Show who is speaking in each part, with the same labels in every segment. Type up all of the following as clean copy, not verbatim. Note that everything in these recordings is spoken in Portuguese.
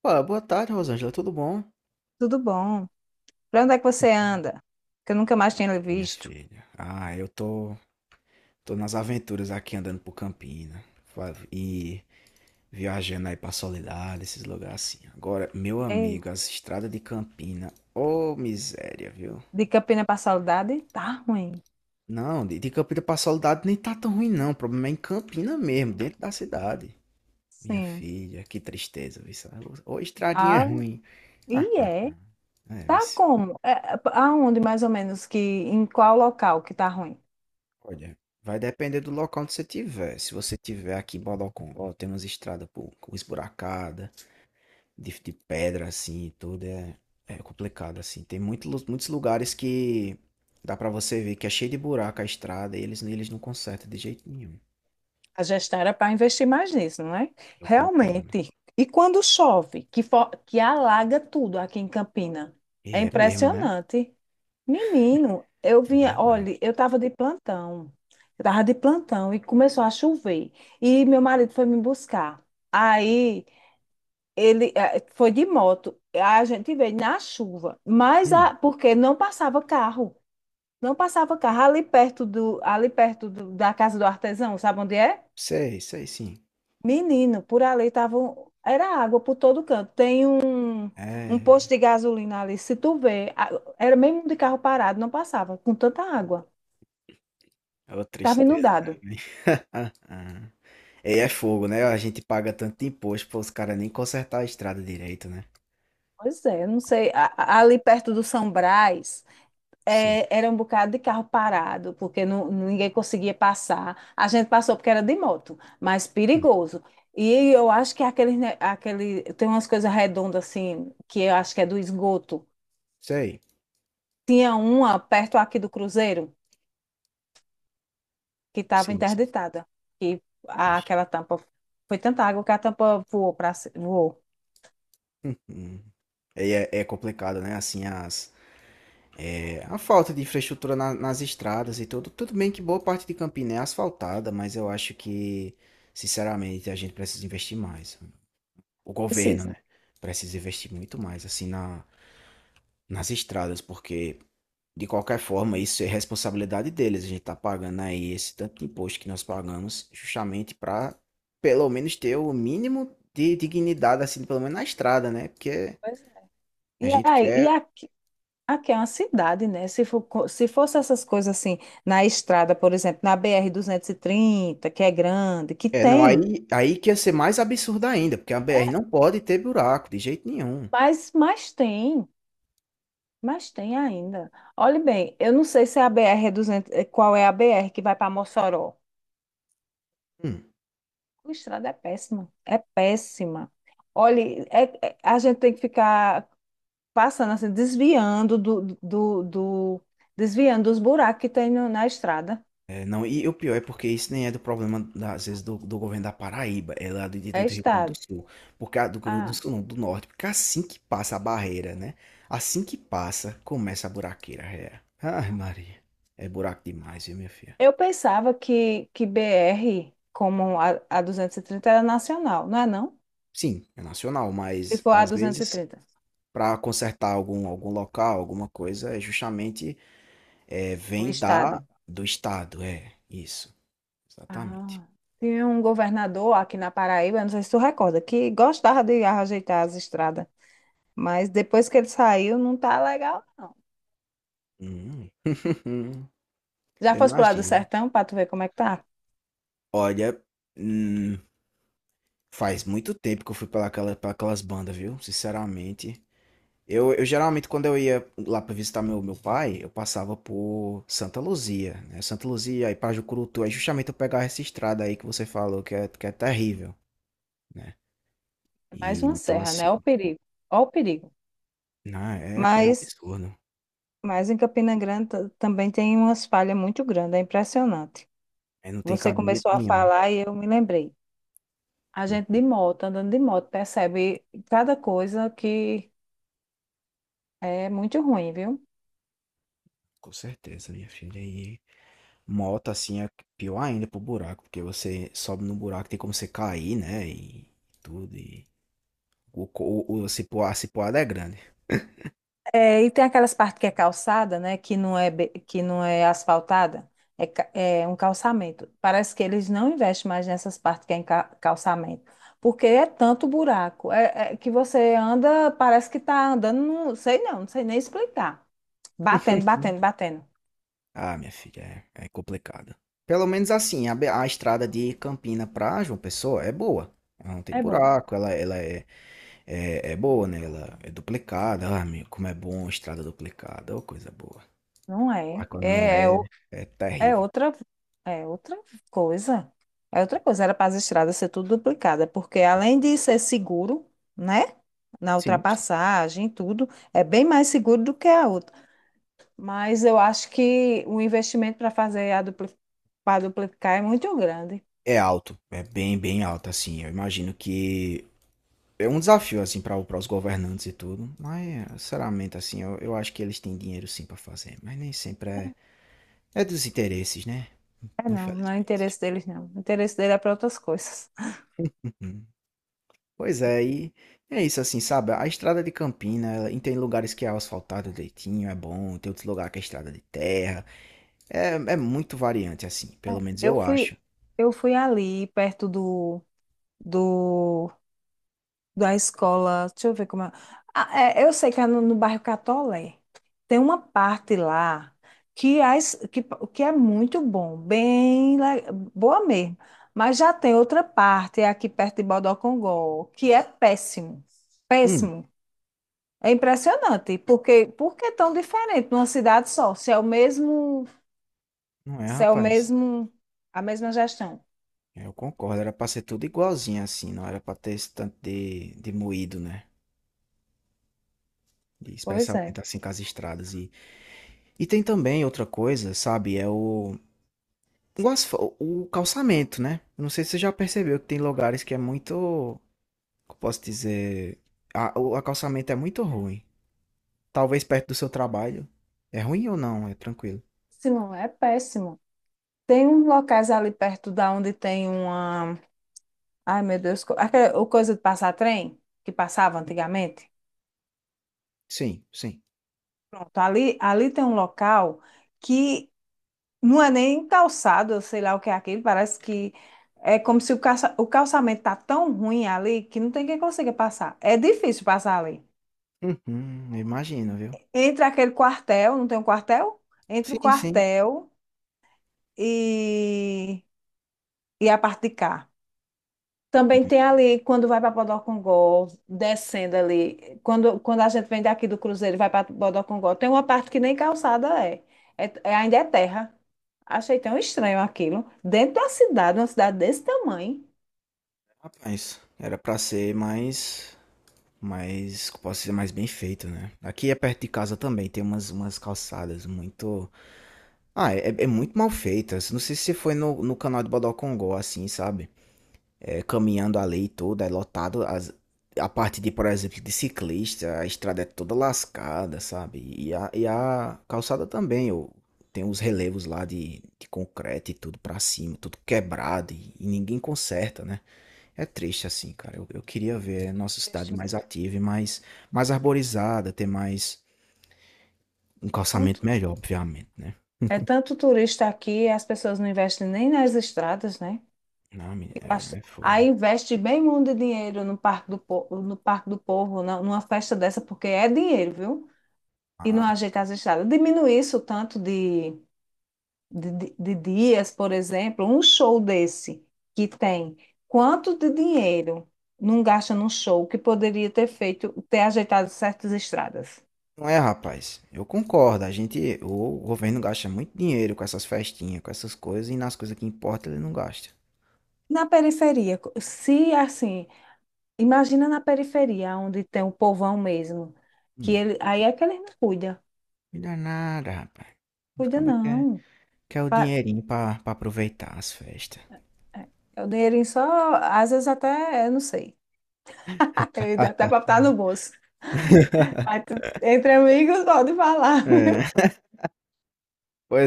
Speaker 1: Pô, boa tarde, Rosângela, tudo bom?
Speaker 2: Tudo bom? Pra onde é que você anda? Que eu nunca mais tinha lhe
Speaker 1: Minha
Speaker 2: visto.
Speaker 1: filha. Eu tô nas aventuras aqui andando por Campina fa- e viajando aí pra Soledade, esses lugares assim. Agora, meu
Speaker 2: Ei,
Speaker 1: amigo, as estradas de Campina, ô miséria, viu?
Speaker 2: de Campina pra Saudade? Tá ruim.
Speaker 1: Não, de Campina pra Soledade nem tá tão ruim não, o problema é em Campina mesmo, dentro da cidade. Minha
Speaker 2: Sim.
Speaker 1: filha, que tristeza, viu? Sabe? Ô, estradinha é
Speaker 2: Ah,
Speaker 1: ruim. Ah,
Speaker 2: e
Speaker 1: ah,
Speaker 2: é?
Speaker 1: ah. É, viu?
Speaker 2: Tá como? É, aonde mais ou menos que, em qual local que tá ruim?
Speaker 1: Olha, vai depender do local onde você tiver. Se você tiver aqui em Bodocongó, tem umas estradas por, esburacada, de pedra assim, e é complicado assim. Tem muitos lugares que dá pra você ver que é cheio de buraco a estrada e eles não consertam de jeito nenhum.
Speaker 2: A gestão era para investir mais nisso, não é?
Speaker 1: Eu concordo.
Speaker 2: Realmente. E quando chove, que, que alaga tudo aqui em Campina.
Speaker 1: E
Speaker 2: É
Speaker 1: é mesmo, né?
Speaker 2: impressionante. Menino, eu
Speaker 1: É
Speaker 2: vinha,
Speaker 1: verdade.
Speaker 2: olha, eu estava de plantão. Eu estava de plantão e começou a chover. E meu marido foi me buscar. Aí ele foi de moto. A gente veio na chuva, mas a,
Speaker 1: Hum,
Speaker 2: porque não passava carro. Não passava carro ali perto do, ali perto da casa do artesão, sabe onde é?
Speaker 1: sei sim.
Speaker 2: Menino, por ali tava, era água por todo canto. Tem um posto
Speaker 1: É,
Speaker 2: de gasolina ali, se tu vê, era mesmo de carro parado, não passava com tanta água.
Speaker 1: é uma
Speaker 2: Estava
Speaker 1: tristeza, né?
Speaker 2: inundado.
Speaker 1: Ah, ah. E é fogo, né? A gente paga tanto imposto para os caras nem consertar a estrada direito, né?
Speaker 2: Pois é, eu não sei. A ali perto do São Brás,
Speaker 1: Sim.
Speaker 2: é, era um bocado de carro parado, porque não, ninguém conseguia passar. A gente passou porque era de moto, mas
Speaker 1: Hum,
Speaker 2: perigoso. E eu acho que aquele, aquele, tem umas coisas redondas assim, que eu acho que é do esgoto.
Speaker 1: sei.
Speaker 2: Tinha uma perto aqui do Cruzeiro, que estava
Speaker 1: Sim, sim.
Speaker 2: interditada. E
Speaker 1: Ixi.
Speaker 2: aquela tampa, foi tanta água que a tampa voou para voou.
Speaker 1: Hum. Aí é é complicado, né, assim, a falta de infraestrutura na nas estradas e tudo. Tudo bem que boa parte de Campina é asfaltada, mas eu acho que, sinceramente, a gente precisa investir mais. O governo,
Speaker 2: Precisa.
Speaker 1: né, precisa investir muito mais, assim, na nas estradas, porque de qualquer forma, isso é responsabilidade deles. A gente está pagando aí esse tanto de imposto que nós pagamos, justamente para pelo menos ter o mínimo de dignidade, assim, pelo menos na estrada, né? Porque
Speaker 2: Pois é.
Speaker 1: a
Speaker 2: E
Speaker 1: gente
Speaker 2: aí, e
Speaker 1: quer.
Speaker 2: aqui Aqui é uma cidade, né? Se for, se fosse essas coisas assim, na estrada, por exemplo, na BR 30, que é grande, que
Speaker 1: É, não,
Speaker 2: tem,
Speaker 1: aí, aí que ia ser mais absurdo ainda, porque a
Speaker 2: é,
Speaker 1: BR não pode ter buraco de jeito nenhum.
Speaker 2: mas, mas tem, mas tem ainda. Olhe bem, eu não sei se é a BR é 200, qual é a BR que vai para Mossoró.
Speaker 1: Hum.
Speaker 2: A estrada é péssima, é péssima. Olhe, a gente tem que ficar passando assim, desviando desviando dos buracos que tem na estrada.
Speaker 1: É, não, e o pior é porque isso nem é do problema, às vezes, do governo da Paraíba, é lá
Speaker 2: É
Speaker 1: do Rio Grande do
Speaker 2: estrada.
Speaker 1: Sul, porque Rio Grande do Sul não, do Norte, porque assim que passa a barreira, né? Assim que passa, começa a buraqueira, é. Ai, Maria, é buraco demais, viu, minha filha?
Speaker 2: Eu pensava que BR, como a 230, era nacional, não é não?
Speaker 1: Sim, é nacional,
Speaker 2: Se
Speaker 1: mas
Speaker 2: for a
Speaker 1: às vezes,
Speaker 2: 230,
Speaker 1: para consertar algum local, alguma coisa, é justamente é,
Speaker 2: o
Speaker 1: vem
Speaker 2: estado.
Speaker 1: do estado, é, isso, exatamente.
Speaker 2: Ah, tinha um governador aqui na Paraíba, não sei se tu recorda, que gostava de ajeitar as estradas, mas depois que ele saiu, não tá legal, não.
Speaker 1: Hum.
Speaker 2: Já
Speaker 1: Eu
Speaker 2: fosse pro lado do
Speaker 1: imagino.
Speaker 2: sertão para tu ver como é que tá?
Speaker 1: Olha. Hum, faz muito tempo que eu fui para aquela, pra aquelas bandas, viu? Sinceramente. Eu geralmente, quando eu ia lá para visitar meu pai, eu passava por Santa Luzia, né? Santa Luzia, aí para Jucurutu. Aí justamente eu pegava essa estrada aí que você falou, que é terrível, né?
Speaker 2: É mais
Speaker 1: E,
Speaker 2: uma
Speaker 1: então,
Speaker 2: serra,
Speaker 1: assim,
Speaker 2: né? Ó o perigo, ó o perigo.
Speaker 1: não, é, é
Speaker 2: Mas,
Speaker 1: absurdo.
Speaker 2: mas em Campina Grande também tem umas falhas muito grandes, é impressionante.
Speaker 1: É, não tem
Speaker 2: Você
Speaker 1: cabimento
Speaker 2: começou a
Speaker 1: nenhum.
Speaker 2: falar e eu me lembrei. A gente de
Speaker 1: Hum,
Speaker 2: moto, andando de moto, percebe cada coisa que é muito ruim, viu?
Speaker 1: Com certeza, minha filha. E moto, assim, é pior ainda pro buraco, porque você sobe no buraco, tem como você cair, né? E tudo. E o, co- o, a cipuada é grande.
Speaker 2: É, e tem aquelas partes que é calçada, né? Que não é, que não é asfaltada, é, é um calçamento. Parece que eles não investem mais nessas partes que é em calçamento, porque é tanto buraco, é, é que você anda, parece que está andando, não sei não, não sei nem explicar. Batendo,
Speaker 1: Hum.
Speaker 2: batendo, batendo.
Speaker 1: Ah, minha filha, é, é complicado. Pelo menos assim, a estrada de Campina pra João Pessoa é boa. Ela não tem
Speaker 2: É boa.
Speaker 1: buraco, ela é, é, é boa, né? Ela é duplicada. Ah, meu, como é bom estrada duplicada, ô coisa boa.
Speaker 2: Não
Speaker 1: Ah,
Speaker 2: é.
Speaker 1: quando não
Speaker 2: É.
Speaker 1: é, é
Speaker 2: É
Speaker 1: terrível.
Speaker 2: outra, é outra coisa. É outra coisa. Era para as estradas ser tudo duplicada, porque
Speaker 1: Eu-
Speaker 2: além de ser seguro, né? Na
Speaker 1: sim, sim.
Speaker 2: ultrapassagem, tudo, é bem mais seguro do que a outra. Mas eu acho que o investimento para fazer a dupli para duplicar é muito grande.
Speaker 1: É alto, é bem, bem alto, assim. Eu imagino que é um desafio, assim, para os governantes e tudo. Mas, sinceramente, assim, eu acho que eles têm dinheiro sim pra fazer. Mas nem sempre é, é dos interesses, né?
Speaker 2: É não, não é
Speaker 1: Infelizmente.
Speaker 2: interesse deles, não. O interesse dele é para outras coisas.
Speaker 1: Hum. Pois é, e é isso assim, sabe? A estrada de Campina, ela- e tem lugares que é asfaltado direitinho, é bom, tem outros lugares que é estrada de terra. É, é muito variante, assim, pelo menos
Speaker 2: Eu
Speaker 1: eu
Speaker 2: fui,
Speaker 1: acho.
Speaker 2: eu fui ali perto do, do da escola, deixa eu ver como é. Ah, é, eu sei que é no, no bairro Catolé. Tem uma parte lá que, as, que é muito bom, boa mesmo. Mas já tem outra parte, é aqui perto de Bodocongó, que é péssimo.
Speaker 1: Hum,
Speaker 2: Péssimo. É impressionante, porque por que tão diferente numa cidade só?
Speaker 1: não é,
Speaker 2: Se é o
Speaker 1: rapaz?
Speaker 2: mesmo, a mesma gestão.
Speaker 1: Eu concordo, era pra ser tudo igualzinho, assim, não era pra ter esse tanto de moído, né? E
Speaker 2: Pois é.
Speaker 1: especialmente assim com as estradas. E tem também outra coisa, sabe? É o calçamento, né? Eu não sei se você já percebeu que tem lugares que é muito. Como posso dizer, o acostamento é muito ruim. Talvez perto do seu trabalho. É ruim ou não? É tranquilo.
Speaker 2: Péssimo, é péssimo. Tem uns locais ali perto da onde tem uma Ai, meu Deus. Aquela o coisa de passar trem que passava antigamente.
Speaker 1: Sim, sim.
Speaker 2: Pronto, ali tem um local que não é nem calçado, eu sei lá o que é aquilo. Parece que é como se o, calça, o calçamento tá tão ruim ali que não tem quem consiga passar. É difícil passar ali.
Speaker 1: Uhum, imagino, viu?
Speaker 2: Entre aquele quartel, não tem um quartel? Entre o
Speaker 1: Sim, sim.
Speaker 2: quartel e, e a parte de cá. Também tem ali, quando vai para Bodocongó, descendo ali, quando a gente vem daqui do Cruzeiro e vai para Bodocongó, tem uma parte que nem calçada é. Ainda é terra. Achei tão estranho aquilo. Dentro da cidade, uma cidade desse tamanho,
Speaker 1: Rapaz, era pra ser mais, mais, como posso dizer, mais bem feito, né? Aqui é perto de casa também, tem umas calçadas muito... Ah, é, é muito mal feitas. Não sei se você foi no canal de Bodocongó, assim, sabe? É, caminhando a lei toda, é lotado. As, a parte de, por exemplo, de ciclista, a estrada é toda lascada, sabe? E e a calçada também, ô. Tem os relevos lá de concreto e tudo pra cima, tudo quebrado e ninguém conserta, né? É triste assim, cara. Eu queria ver a nossa cidade mais
Speaker 2: investimento.
Speaker 1: ativa e mais, mais arborizada, ter mais um
Speaker 2: Tão
Speaker 1: calçamento melhor, obviamente, né?
Speaker 2: É tanto turista aqui, as pessoas não investem nem nas estradas, né?
Speaker 1: Não, menino,
Speaker 2: Eu
Speaker 1: é,
Speaker 2: acho-
Speaker 1: é fogo.
Speaker 2: Aí investe bem muito dinheiro no Parque do, no Parque do Povo, numa festa dessa, porque é dinheiro, viu? E não
Speaker 1: Ah,
Speaker 2: ajeita as estradas. Diminui isso tanto de de dias, por exemplo, um show desse que tem quanto de dinheiro não gasta num show que poderia ter feito, ter ajeitado certas estradas?
Speaker 1: não é, rapaz. Eu concordo. A gente, o governo gasta muito dinheiro com essas festinhas, com essas coisas, e nas coisas que importam ele não gasta.
Speaker 2: Na periferia, se assim, imagina na periferia, onde tem o povão mesmo, que
Speaker 1: Hum,
Speaker 2: ele, aí é que ele não cuida,
Speaker 1: me dá nada, rapaz. Os
Speaker 2: cuida
Speaker 1: cabas
Speaker 2: não.
Speaker 1: quer o
Speaker 2: Pa-
Speaker 1: dinheirinho pra aproveitar as festas.
Speaker 2: É é o dinheirinho só, às vezes até, eu não sei, ele até
Speaker 1: Ah,
Speaker 2: para botar no bolso. Mas entre amigos pode falar,
Speaker 1: é.
Speaker 2: viu?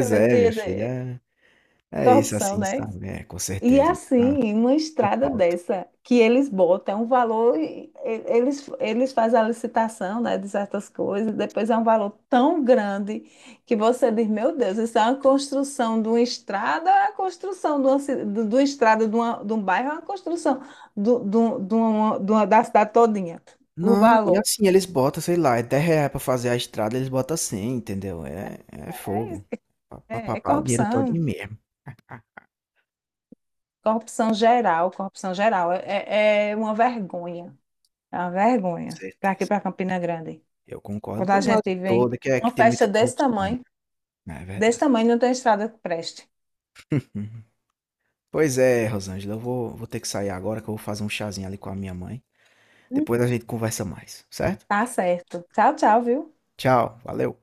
Speaker 2: Eu ia
Speaker 1: é, minha
Speaker 2: dizer,
Speaker 1: filha. É, é isso
Speaker 2: Corrupção,
Speaker 1: assim,
Speaker 2: né?
Speaker 1: sabe? É, com
Speaker 2: E
Speaker 1: certeza. Minha- ah,
Speaker 2: assim, uma
Speaker 1: não
Speaker 2: estrada
Speaker 1: falta.
Speaker 2: dessa que eles botam é um valor, eles, eles fazem a licitação, né, de certas coisas, depois é um valor tão grande que você diz, meu Deus, isso é uma construção de uma estrada, é a construção de uma, de uma estrada de, de um bairro, é uma construção de uma, da cidade todinha. O
Speaker 1: Não, e
Speaker 2: valor.
Speaker 1: assim, eles botam, sei lá, é 10 reais pra fazer a estrada, eles botam 100, entendeu? É, é
Speaker 2: É,
Speaker 1: fogo.
Speaker 2: isso, é, é
Speaker 1: Pá, o dinheiro todo
Speaker 2: corrupção,
Speaker 1: mesmo.
Speaker 2: corrupção geral, corrupção geral. É é uma
Speaker 1: Com
Speaker 2: vergonha para aqui,
Speaker 1: certeza.
Speaker 2: para Campina Grande.
Speaker 1: Eu concordo
Speaker 2: Quando a
Speaker 1: por um lado
Speaker 2: gente vem
Speaker 1: todo, que é
Speaker 2: uma
Speaker 1: que tem
Speaker 2: festa
Speaker 1: muita corrupção. Né, é
Speaker 2: desse
Speaker 1: verdade.
Speaker 2: tamanho não tem estrada que preste.
Speaker 1: Uhum. Pois é, Rosângela, eu vou ter que sair agora que eu vou fazer um chazinho ali com a minha mãe.
Speaker 2: Hum.
Speaker 1: Depois a gente conversa mais, certo?
Speaker 2: Tá certo. Tchau, tchau, viu?
Speaker 1: Tchau, valeu.